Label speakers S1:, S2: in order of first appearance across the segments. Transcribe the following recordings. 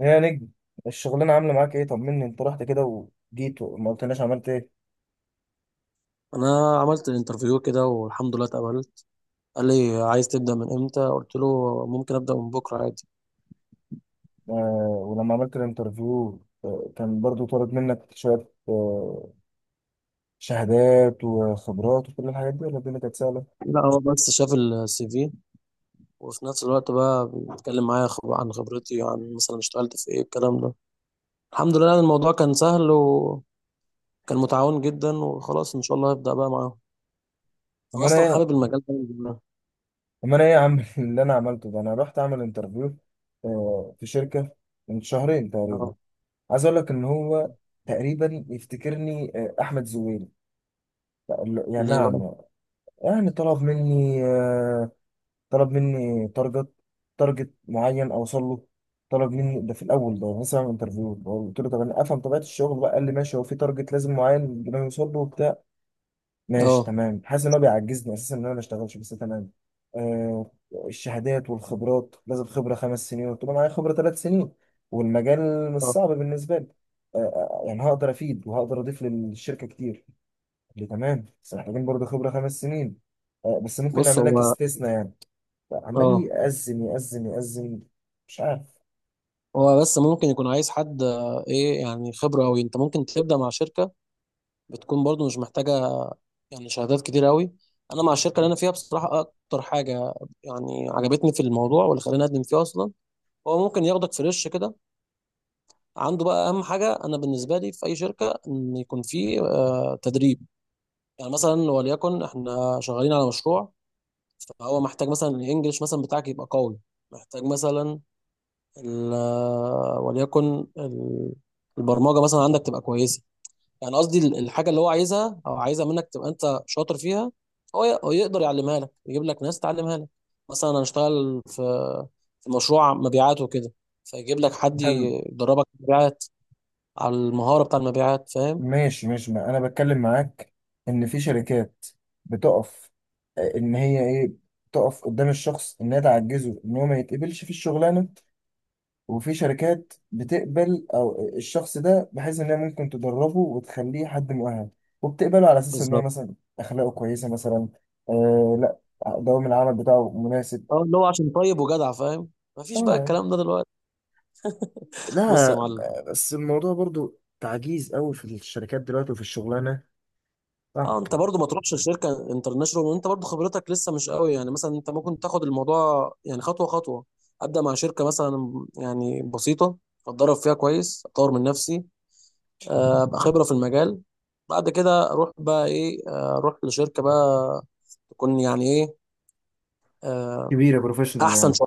S1: يا نجم، الشغلانة عاملة معاك ايه؟ طمني، انت رحت كده وجيت وما قلتناش عملت ايه.
S2: انا عملت الانترفيو كده والحمد لله اتقبلت. قال لي عايز تبدا من امتى؟ قلت له ممكن ابدا من بكره عادي.
S1: آه. ولما عملت الانترفيو، كان برضو طلب منك شوية شهادات وخبرات وكل الحاجات دي، ولا الدنيا كانت سهلة؟
S2: لا هو بس شاف الـ CV، وفي نفس الوقت بقى بيتكلم معايا عن خبرتي، عن مثلا اشتغلت في ايه الكلام ده. الحمد لله، يعني الموضوع كان سهل وكان متعاون جدا، وخلاص ان شاء الله هبدا بقى معاهم. انا
S1: أما أنا
S2: اصلا
S1: ايه
S2: حابب المجال ده من زمان.
S1: أما أنا ايه يا عم؟ اللي أنا عملته ده، أنا رحت أعمل انترفيو آه في شركة من شهرين تقريبا.
S2: اه،
S1: عايز أقول لك إن هو تقريبا يفتكرني أحمد زويل. لا، يعني
S2: ليه بقى؟
S1: نعم. يعني طلب مني آه، طلب مني تارجت، تارجت معين اوصل له. طلب مني ده في الاول، ده مثلا انترفيو، قلت له طب انا افهم طبيعه الشغل بقى، قال لي ماشي، هو في تارجت لازم معين بدنا نوصل له وبتاع. ماشي
S2: اه.
S1: تمام، حاسس ان هو بيعجزني اساسا ان انا ما اشتغلش، بس تمام. آه، الشهادات والخبرات، لازم خبره 5 سنين، قلت له معايا خبره 3 سنين والمجال مش
S2: آه.
S1: صعب بالنسبه لي. آه آه، يعني هقدر افيد وهقدر اضيف للشركه كتير. قال لي تمام بس محتاجين برضه خبره 5 سنين، بس ممكن
S2: بص،
S1: نعمل لك
S2: هو
S1: استثناء يعني. عمال
S2: اه،
S1: يأذن يأذن يأذن، مش عارف.
S2: هو بس ممكن يكون عايز حد ايه، يعني خبره قوي. انت ممكن تبدا مع شركه بتكون برضو مش محتاجه يعني شهادات كتير قوي. انا مع الشركه اللي انا فيها بصراحه، اكتر حاجه يعني عجبتني في الموضوع واللي خلاني اقدم فيه اصلا، هو ممكن ياخدك فريش كده. عنده بقى اهم حاجه انا بالنسبه لي في اي شركه ان يكون فيه تدريب. يعني مثلا وليكن احنا شغالين على مشروع، فهو محتاج مثلا الانجليش مثلا بتاعك يبقى قوي، محتاج مثلا وليكن البرمجه مثلا عندك تبقى كويسه. يعني قصدي الحاجه اللي هو عايزها او عايزها منك تبقى انت شاطر فيها. هو يقدر يعلمها لك، يجيب لك ناس تعلمها لك. مثلا انا اشتغل في مشروع مبيعات وكده، فيجيب لك حد
S1: حلو.
S2: يدربك مبيعات على المهاره بتاع المبيعات. فاهم؟
S1: ماشي، ما انا بتكلم معاك ان في شركات بتقف، ان هي ايه، تقف قدام الشخص انها تعجزه ان هو ما يتقبلش في الشغلانه، وفي شركات بتقبل او الشخص ده بحيث انها ممكن تدربه وتخليه حد مؤهل، وبتقبله على اساس ان هو
S2: بالظبط.
S1: مثلا اخلاقه كويسه مثلا. آه لا، دوام العمل بتاعه مناسب.
S2: اه اللي هو عشان طيب وجدع، فاهم؟ مفيش بقى
S1: اه.
S2: الكلام ده دلوقتي. بص يا
S1: لا
S2: معلم.
S1: بس الموضوع برضو تعجيز قوي في الشركات دلوقتي، وفي الشغلانه صعب.
S2: اه، انت برضو ما تروحش لشركه انترناشونال وانت برضو خبرتك لسه مش قوي، يعني مثلا انت ممكن تاخد الموضوع يعني خطوه خطوه. ابدا مع شركه مثلا يعني بسيطه، اتدرب فيها كويس، اطور من نفسي، ابقى خبره في المجال. بعد كده اروح بقى ايه، اروح لشركه بقى تكون يعني ايه، آه،
S1: كبيرة بروفيشنال
S2: احسن
S1: يعني.
S2: شويه.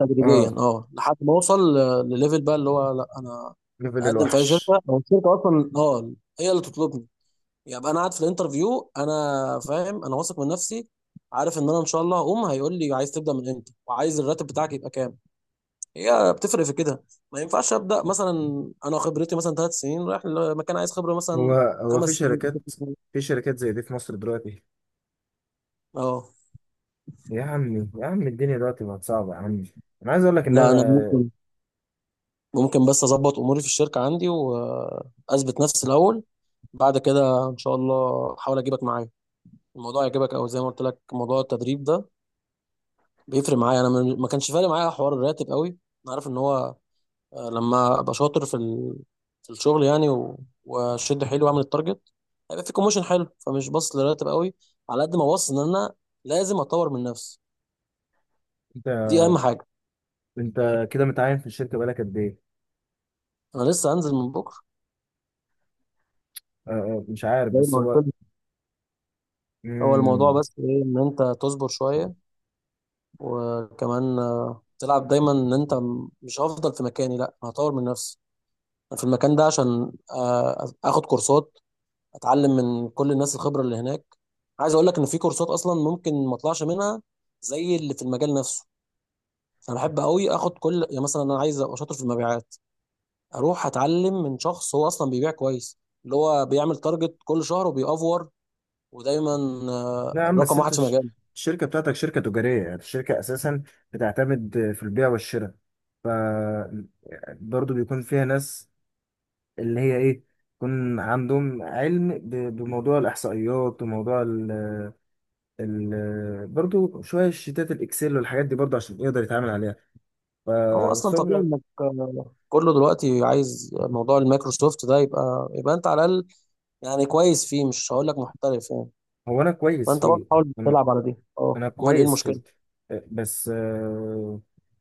S2: تدريجيا
S1: اه،
S2: اه، لحد ما اوصل لليفل بقى اللي هو، لا، انا
S1: ليفل
S2: اقدم في اي
S1: الوحش.
S2: شركه او الشركه اصلا اه هي اللي تطلبني. يبقى انا قاعد في الانترفيو، انا فاهم، انا واثق من نفسي، عارف ان انا ان شاء الله هقوم هيقول لي عايز تبدا من امتى وعايز الراتب بتاعك يبقى كام. هي بتفرق في كده. ما ينفعش ابدا مثلا انا خبرتي مثلا 3 سنين رايح لمكان عايز خبره
S1: هو
S2: مثلا
S1: هو
S2: خمس
S1: في
S2: سنين
S1: شركات، في شركات زي دي في مصر دلوقتي؟
S2: اه.
S1: يا عمي، يا عم الدنيا دلوقتي بقت صعبه يا عمي. انا عايز اقول لك ان
S2: لا، انا
S1: انا...
S2: ممكن، بس اظبط اموري في الشركه عندي واثبت نفسي الاول. بعد كده ان شاء الله احاول اجيبك معايا الموضوع يعجبك، او زي ما قلت لك موضوع التدريب ده بيفرق معايا. انا ما كانش فارق معايا حوار الراتب قوي. انا عارف ان هو لما ابقى شاطر في ال... في الشغل يعني، و... واشد حيلي واعمل التارجت، هيبقى في كوموشن حلو، فمش باصص للراتب قوي على قد ما باصص ان انا لازم اطور من نفسي.
S1: انت،
S2: دي اهم حاجه.
S1: انت كده متعين في الشركه بقالك قد ايه؟
S2: انا لسه هنزل من بكره،
S1: مش عارف
S2: زي
S1: بس
S2: ما قلت
S1: هو...
S2: لك. هو الموضوع
S1: مم.
S2: بس ايه ان انت تصبر شويه، وكمان تلعب دايما ان انت مش هفضل في مكاني، لا، أنا هطور من نفسي. انا في المكان ده عشان اخد كورسات، اتعلم من كل الناس الخبره اللي هناك. عايز اقول لك ان في كورسات اصلا ممكن ما اطلعش منها، زي اللي في المجال نفسه. انا بحب قوي اخد كل، يعني مثلا انا عايز ابقى شاطر في المبيعات، اروح اتعلم من شخص هو اصلا بيبيع كويس، اللي هو بيعمل تارجت كل شهر وبيأفور، ودايما
S1: نعم، بس
S2: رقم واحد
S1: انت
S2: في مجاله.
S1: الشركة بتاعتك شركة تجارية، يعني الشركة اساسا بتعتمد في البيع والشراء، ف برضه بيكون فيها ناس اللي هي ايه، يكون عندهم علم بموضوع الاحصائيات وموضوع ال برضه شوية شيتات الاكسل والحاجات دي، برضه عشان يقدر يتعامل عليها.
S2: هو اصلا طبيعي
S1: فالخبرة...
S2: انك كله دلوقتي عايز موضوع المايكروسوفت ده، يبقى انت على الاقل يعني كويس فيه، مش هقول لك محترف يعني.
S1: هو انا كويس
S2: فانت
S1: فيه،
S2: برضه حاول تلعب على دي.
S1: انا
S2: اه، امال ايه
S1: كويس
S2: المشكله.
S1: فيه، آه، بس آه،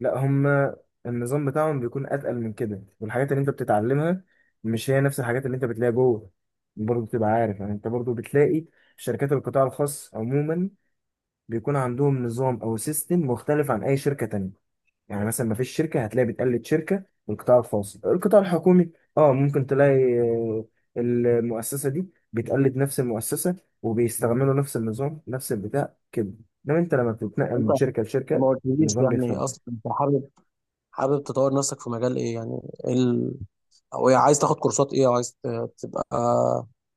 S1: لا هما النظام بتاعهم بيكون اتقل من كده، والحاجات اللي انت بتتعلمها مش هي نفس الحاجات اللي انت بتلاقيها جوه. برضه تبقى عارف يعني، انت برضه بتلاقي شركات القطاع الخاص عموما بيكون عندهم نظام او سيستم مختلف عن اي شركة تانية. يعني مثلا ما فيش شركه هتلاقي بتقلد شركه من القطاع الخاص، القطاع الحكومي اه ممكن تلاقي المؤسسه دي بتقلد نفس المؤسسه، وبيستعملوا نفس النظام نفس البتاع كده. انما انت لما بتتنقل
S2: انت
S1: من شركه لشركه،
S2: ما قلتليش
S1: النظام
S2: يعني
S1: بيختلف.
S2: اصلا انت حابب، تطور نفسك في مجال ايه يعني؟ إيه ال...؟ او إيه عايز تاخد كورسات ايه، او عايز تبقى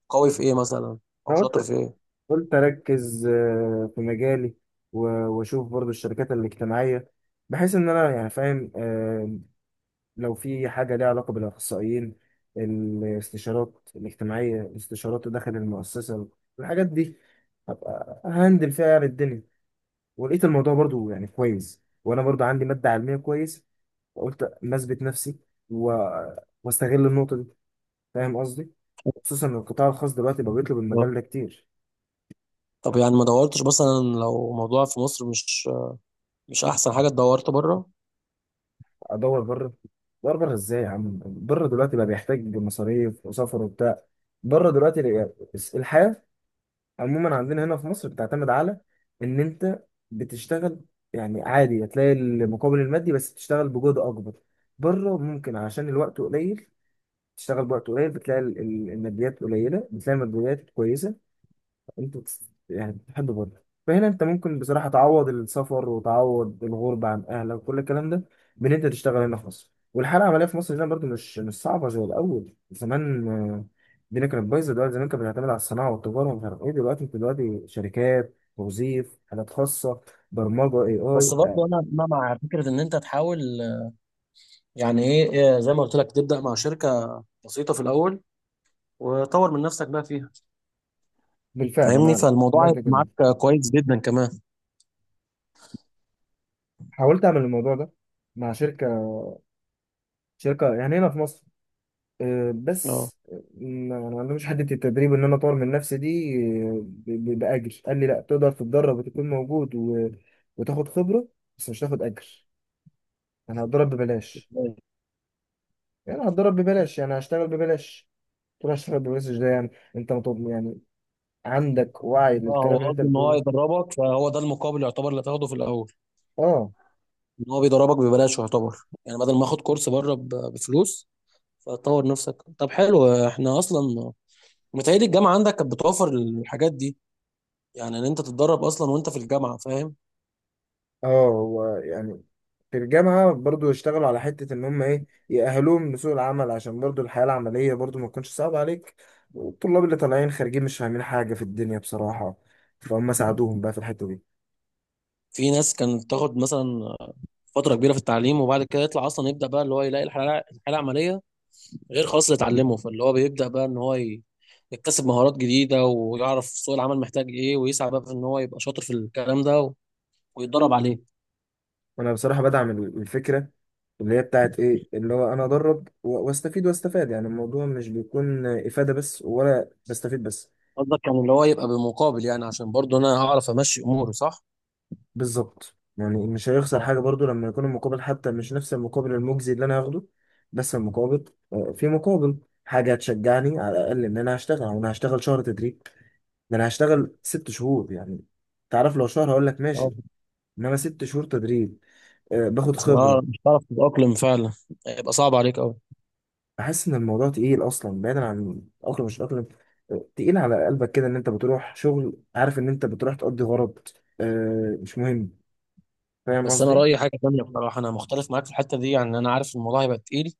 S2: قوي في ايه مثلا، او
S1: انا
S2: شاطر
S1: قلت
S2: في ايه؟
S1: قلت اركز في مجالي و- واشوف برضو الشركات الاجتماعيه، بحيث ان انا يعني فاهم لو في حاجة ليها علاقة بالأخصائيين، الاستشارات الاجتماعية، الاستشارات داخل المؤسسة، الحاجات دي هبقى هندل فيها يعني الدنيا. ولقيت الموضوع برضو يعني كويس، وأنا برضو عندي مادة علمية كويس، فقلت ما أثبت نفسي و... واستغل النقطة دي. فاهم قصدي؟ خصوصا إن القطاع الخاص دلوقتي بقى بيطلب
S2: آه.
S1: المجال ده كتير.
S2: طب يعني ما دورتش مثلا، لو موضوع في مصر، مش احسن حاجه دورت بره؟
S1: أدور بره أدور بره إزاي يا عم؟ بره دلوقتي بقى بيحتاج مصاريف وسفر وبتاع. بره دلوقتي، الحياة عموما عندنا هنا في مصر بتعتمد على ان انت بتشتغل، يعني عادي هتلاقي المقابل المادي بس تشتغل بجهد اكبر. بره ممكن عشان الوقت قليل، تشتغل بوقت قليل بتلاقي الماديات قليله، بتلاقي الماديات كويسه. انتوا بتس- يعني بتحبوا بعض. فهنا انت ممكن بصراحة تعوض السفر وتعوض الغربة عن اهلك وكل الكلام ده، بان انت تشتغل هنا في مصر. والحالة العملية في مصر هنا برضو مش مش صعبة زي الأول زمان، الدنيا كانت بايظة. دلوقتي زمان كانت بتعتمد على الصناعة والتجارة ومش عارف ايه، دلوقتي انت دلوقتي شركات توظيف، حالات خاصة، برمجة اي
S2: بس
S1: اي.
S2: برضه انا، مع فكره ان انت تحاول. يعني ايه، إيه، زي ما قلت لك تبدا مع شركه بسيطه في الاول، وطور من نفسك بقى فيها
S1: بالفعل
S2: فاهمني.
S1: انا
S2: فالموضوع
S1: عملت
S2: هيبقى
S1: كده،
S2: معاك كويس جدا كمان.
S1: حاولت اعمل الموضوع ده مع شركة، شركة يعني هنا في مصر، بس ما عندهمش حته التدريب ان انا اطور من نفسي دي. باجر قال لي لا، تقدر تتدرب وتكون موجود و... وتاخد خبره بس مش تاخد اجر. انا هتدرب ببلاش،
S2: اه.
S1: يعني هتدرب ببلاش، يعني هشتغل ببلاش. تروح هشتغل ببلاش ده يعني، انت مطلوب يعني. عندك وعي
S2: اه، هو
S1: للكلام اللي انت
S2: قصده ان هو
S1: بتقوله.
S2: يدربك، فهو ده المقابل يعتبر اللي هتاخده في الاول،
S1: اه.
S2: ان هو بيدربك ببلاش يعتبر، يعني بدل ما اخد كورس بره بفلوس، فتطور نفسك. طب حلو، احنا اصلا متهيألي الجامعه عندك كانت بتوفر الحاجات دي، يعني ان انت تتدرب اصلا وانت في الجامعه، فاهم؟
S1: اه، هو يعني في الجامعة برضو يشتغلوا على حتة إن هم إيه، يأهلوهم لسوق العمل، عشان برضو الحياة العملية برضو ما تكونش صعبة عليك، والطلاب اللي طالعين خارجين مش فاهمين حاجة في الدنيا بصراحة، فهم ساعدوهم بقى في الحتة دي.
S2: في ناس كانت تاخد مثلا فتره كبيره في التعليم، وبعد كده يطلع اصلا يبدا بقى اللي هو يلاقي الحاله العمليه غير خالص اللي اتعلمه، فاللي هو بيبدا بقى ان هو يكتسب مهارات جديده ويعرف سوق العمل محتاج ايه، ويسعى بقى في ان هو يبقى شاطر في الكلام ده ويتدرب عليه.
S1: وأنا بصراحة بدعم الفكرة اللي هي بتاعت إيه، اللي هو أنا أدرب وأستفيد وأستفاد، يعني الموضوع مش بيكون إفادة بس ولا بستفيد بس.
S2: قصدك كان اللي هو يبقى بمقابل، يعني عشان برضه انا هعرف امشي اموري، صح؟
S1: بالظبط، يعني مش هيخسر
S2: اه.
S1: حاجة برضو لما يكون المقابل حتى مش نفس المقابل المجزي اللي أنا هاخده. بس المقابل، في مقابل حاجة هتشجعني على الأقل إن أنا هشتغل. أو أنا هشتغل شهر تدريب؟ ده أنا هشتغل 6 شهور يعني. تعرف لو شهر هقول لك
S2: آه.
S1: ماشي، إنما 6 شهور تدريب، باخد خبرة.
S2: مش هعرف تتأقلم فعلا، هيبقى صعب عليك قوي.
S1: بحس إن الموضوع تقيل أصلا، بعيدا عن الأقلم مش الأقلم، تقيل على قلبك كده إن أنت بتروح شغل عارف إن أنت بتروح تقضي غرض، مش مهم. فاهم
S2: بس انا
S1: قصدي؟
S2: رأيي حاجة تانية بصراحة، انا مختلف معاك في الحتة دي. يعني انا عارف الموضوع هيبقى تقيل،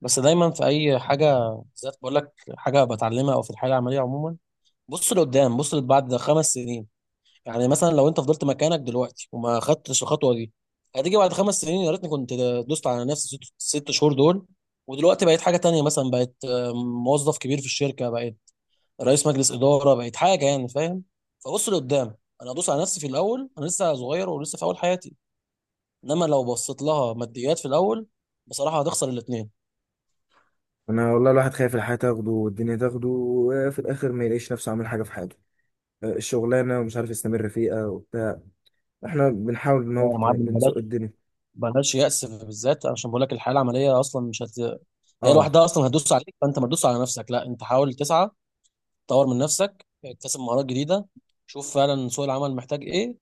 S2: بس دايما في اي حاجة بالذات بقول لك، حاجة بتعلمها او في الحياة العملية عموما، بص لقدام، بص بعد 5 سنين. يعني مثلا لو انت فضلت مكانك دلوقتي وما خدتش الخطوه دي، هتيجي بعد 5 سنين يا ريتني كنت دوست على نفسي 6 شهور دول، ودلوقتي بقيت حاجه تانية، مثلا بقيت موظف كبير في الشركه، بقيت رئيس مجلس اداره، بقيت حاجه يعني فاهم. فبص لقدام، انا ادوس على نفسي في الاول، انا لسه صغير ولسه في اول حياتي. انما لو بصيت لها ماديات في الاول، بصراحه هتخسر الاثنين.
S1: انا والله الواحد خايف الحياه تاخده والدنيا تاخده، وفي الاخر ما يلاقيش نفسه عامل حاجه في حياته، الشغلانه ومش عارف يستمر فيها وبتاع. احنا بنحاول ان هو
S2: لا يا معلم
S1: بنزق
S2: بلاش،
S1: الدنيا.
S2: بلاش يأس. بالذات عشان بقول لك الحياه العمليه اصلا مش هت... هي
S1: اه.
S2: لوحدها اصلا هتدوس عليك، فانت ما تدوس على نفسك، لا، انت حاول تسعى، طور من نفسك، اكتسب مهارات جديده، شوف فعلا سوق العمل محتاج ايه،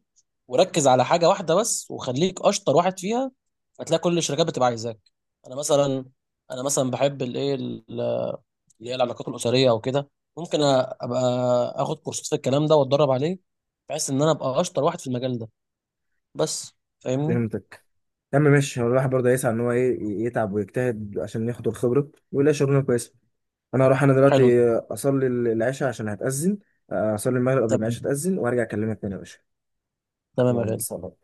S2: وركز على حاجه واحده بس، وخليك اشطر واحد فيها، هتلاقي كل الشركات بتبقى عايزاك. انا مثلا انا مثلا بحب الايه اللي هي العلاقات الاسريه او كده، ممكن ابقى اخد كورسات في الكلام ده واتدرب عليه، بحيث ان انا ابقى اشطر واحد في المجال ده بس، فاهمني؟
S1: فهمتك يا عم، ماشي. هو الواحد برضه هيسعى ان هو ايه، يتعب ويجتهد عشان ياخد الخبره ويلاقي شغلانه كويسه. انا
S2: حلو جدا.
S1: دلوقتي اصلي العشاء عشان هتاذن، اصلي المغرب قبل ما
S2: تمام،
S1: العشاء تاذن وارجع اكلمك تاني يا باشا.
S2: تمام يا
S1: يلا،
S2: غالي.
S1: سلام.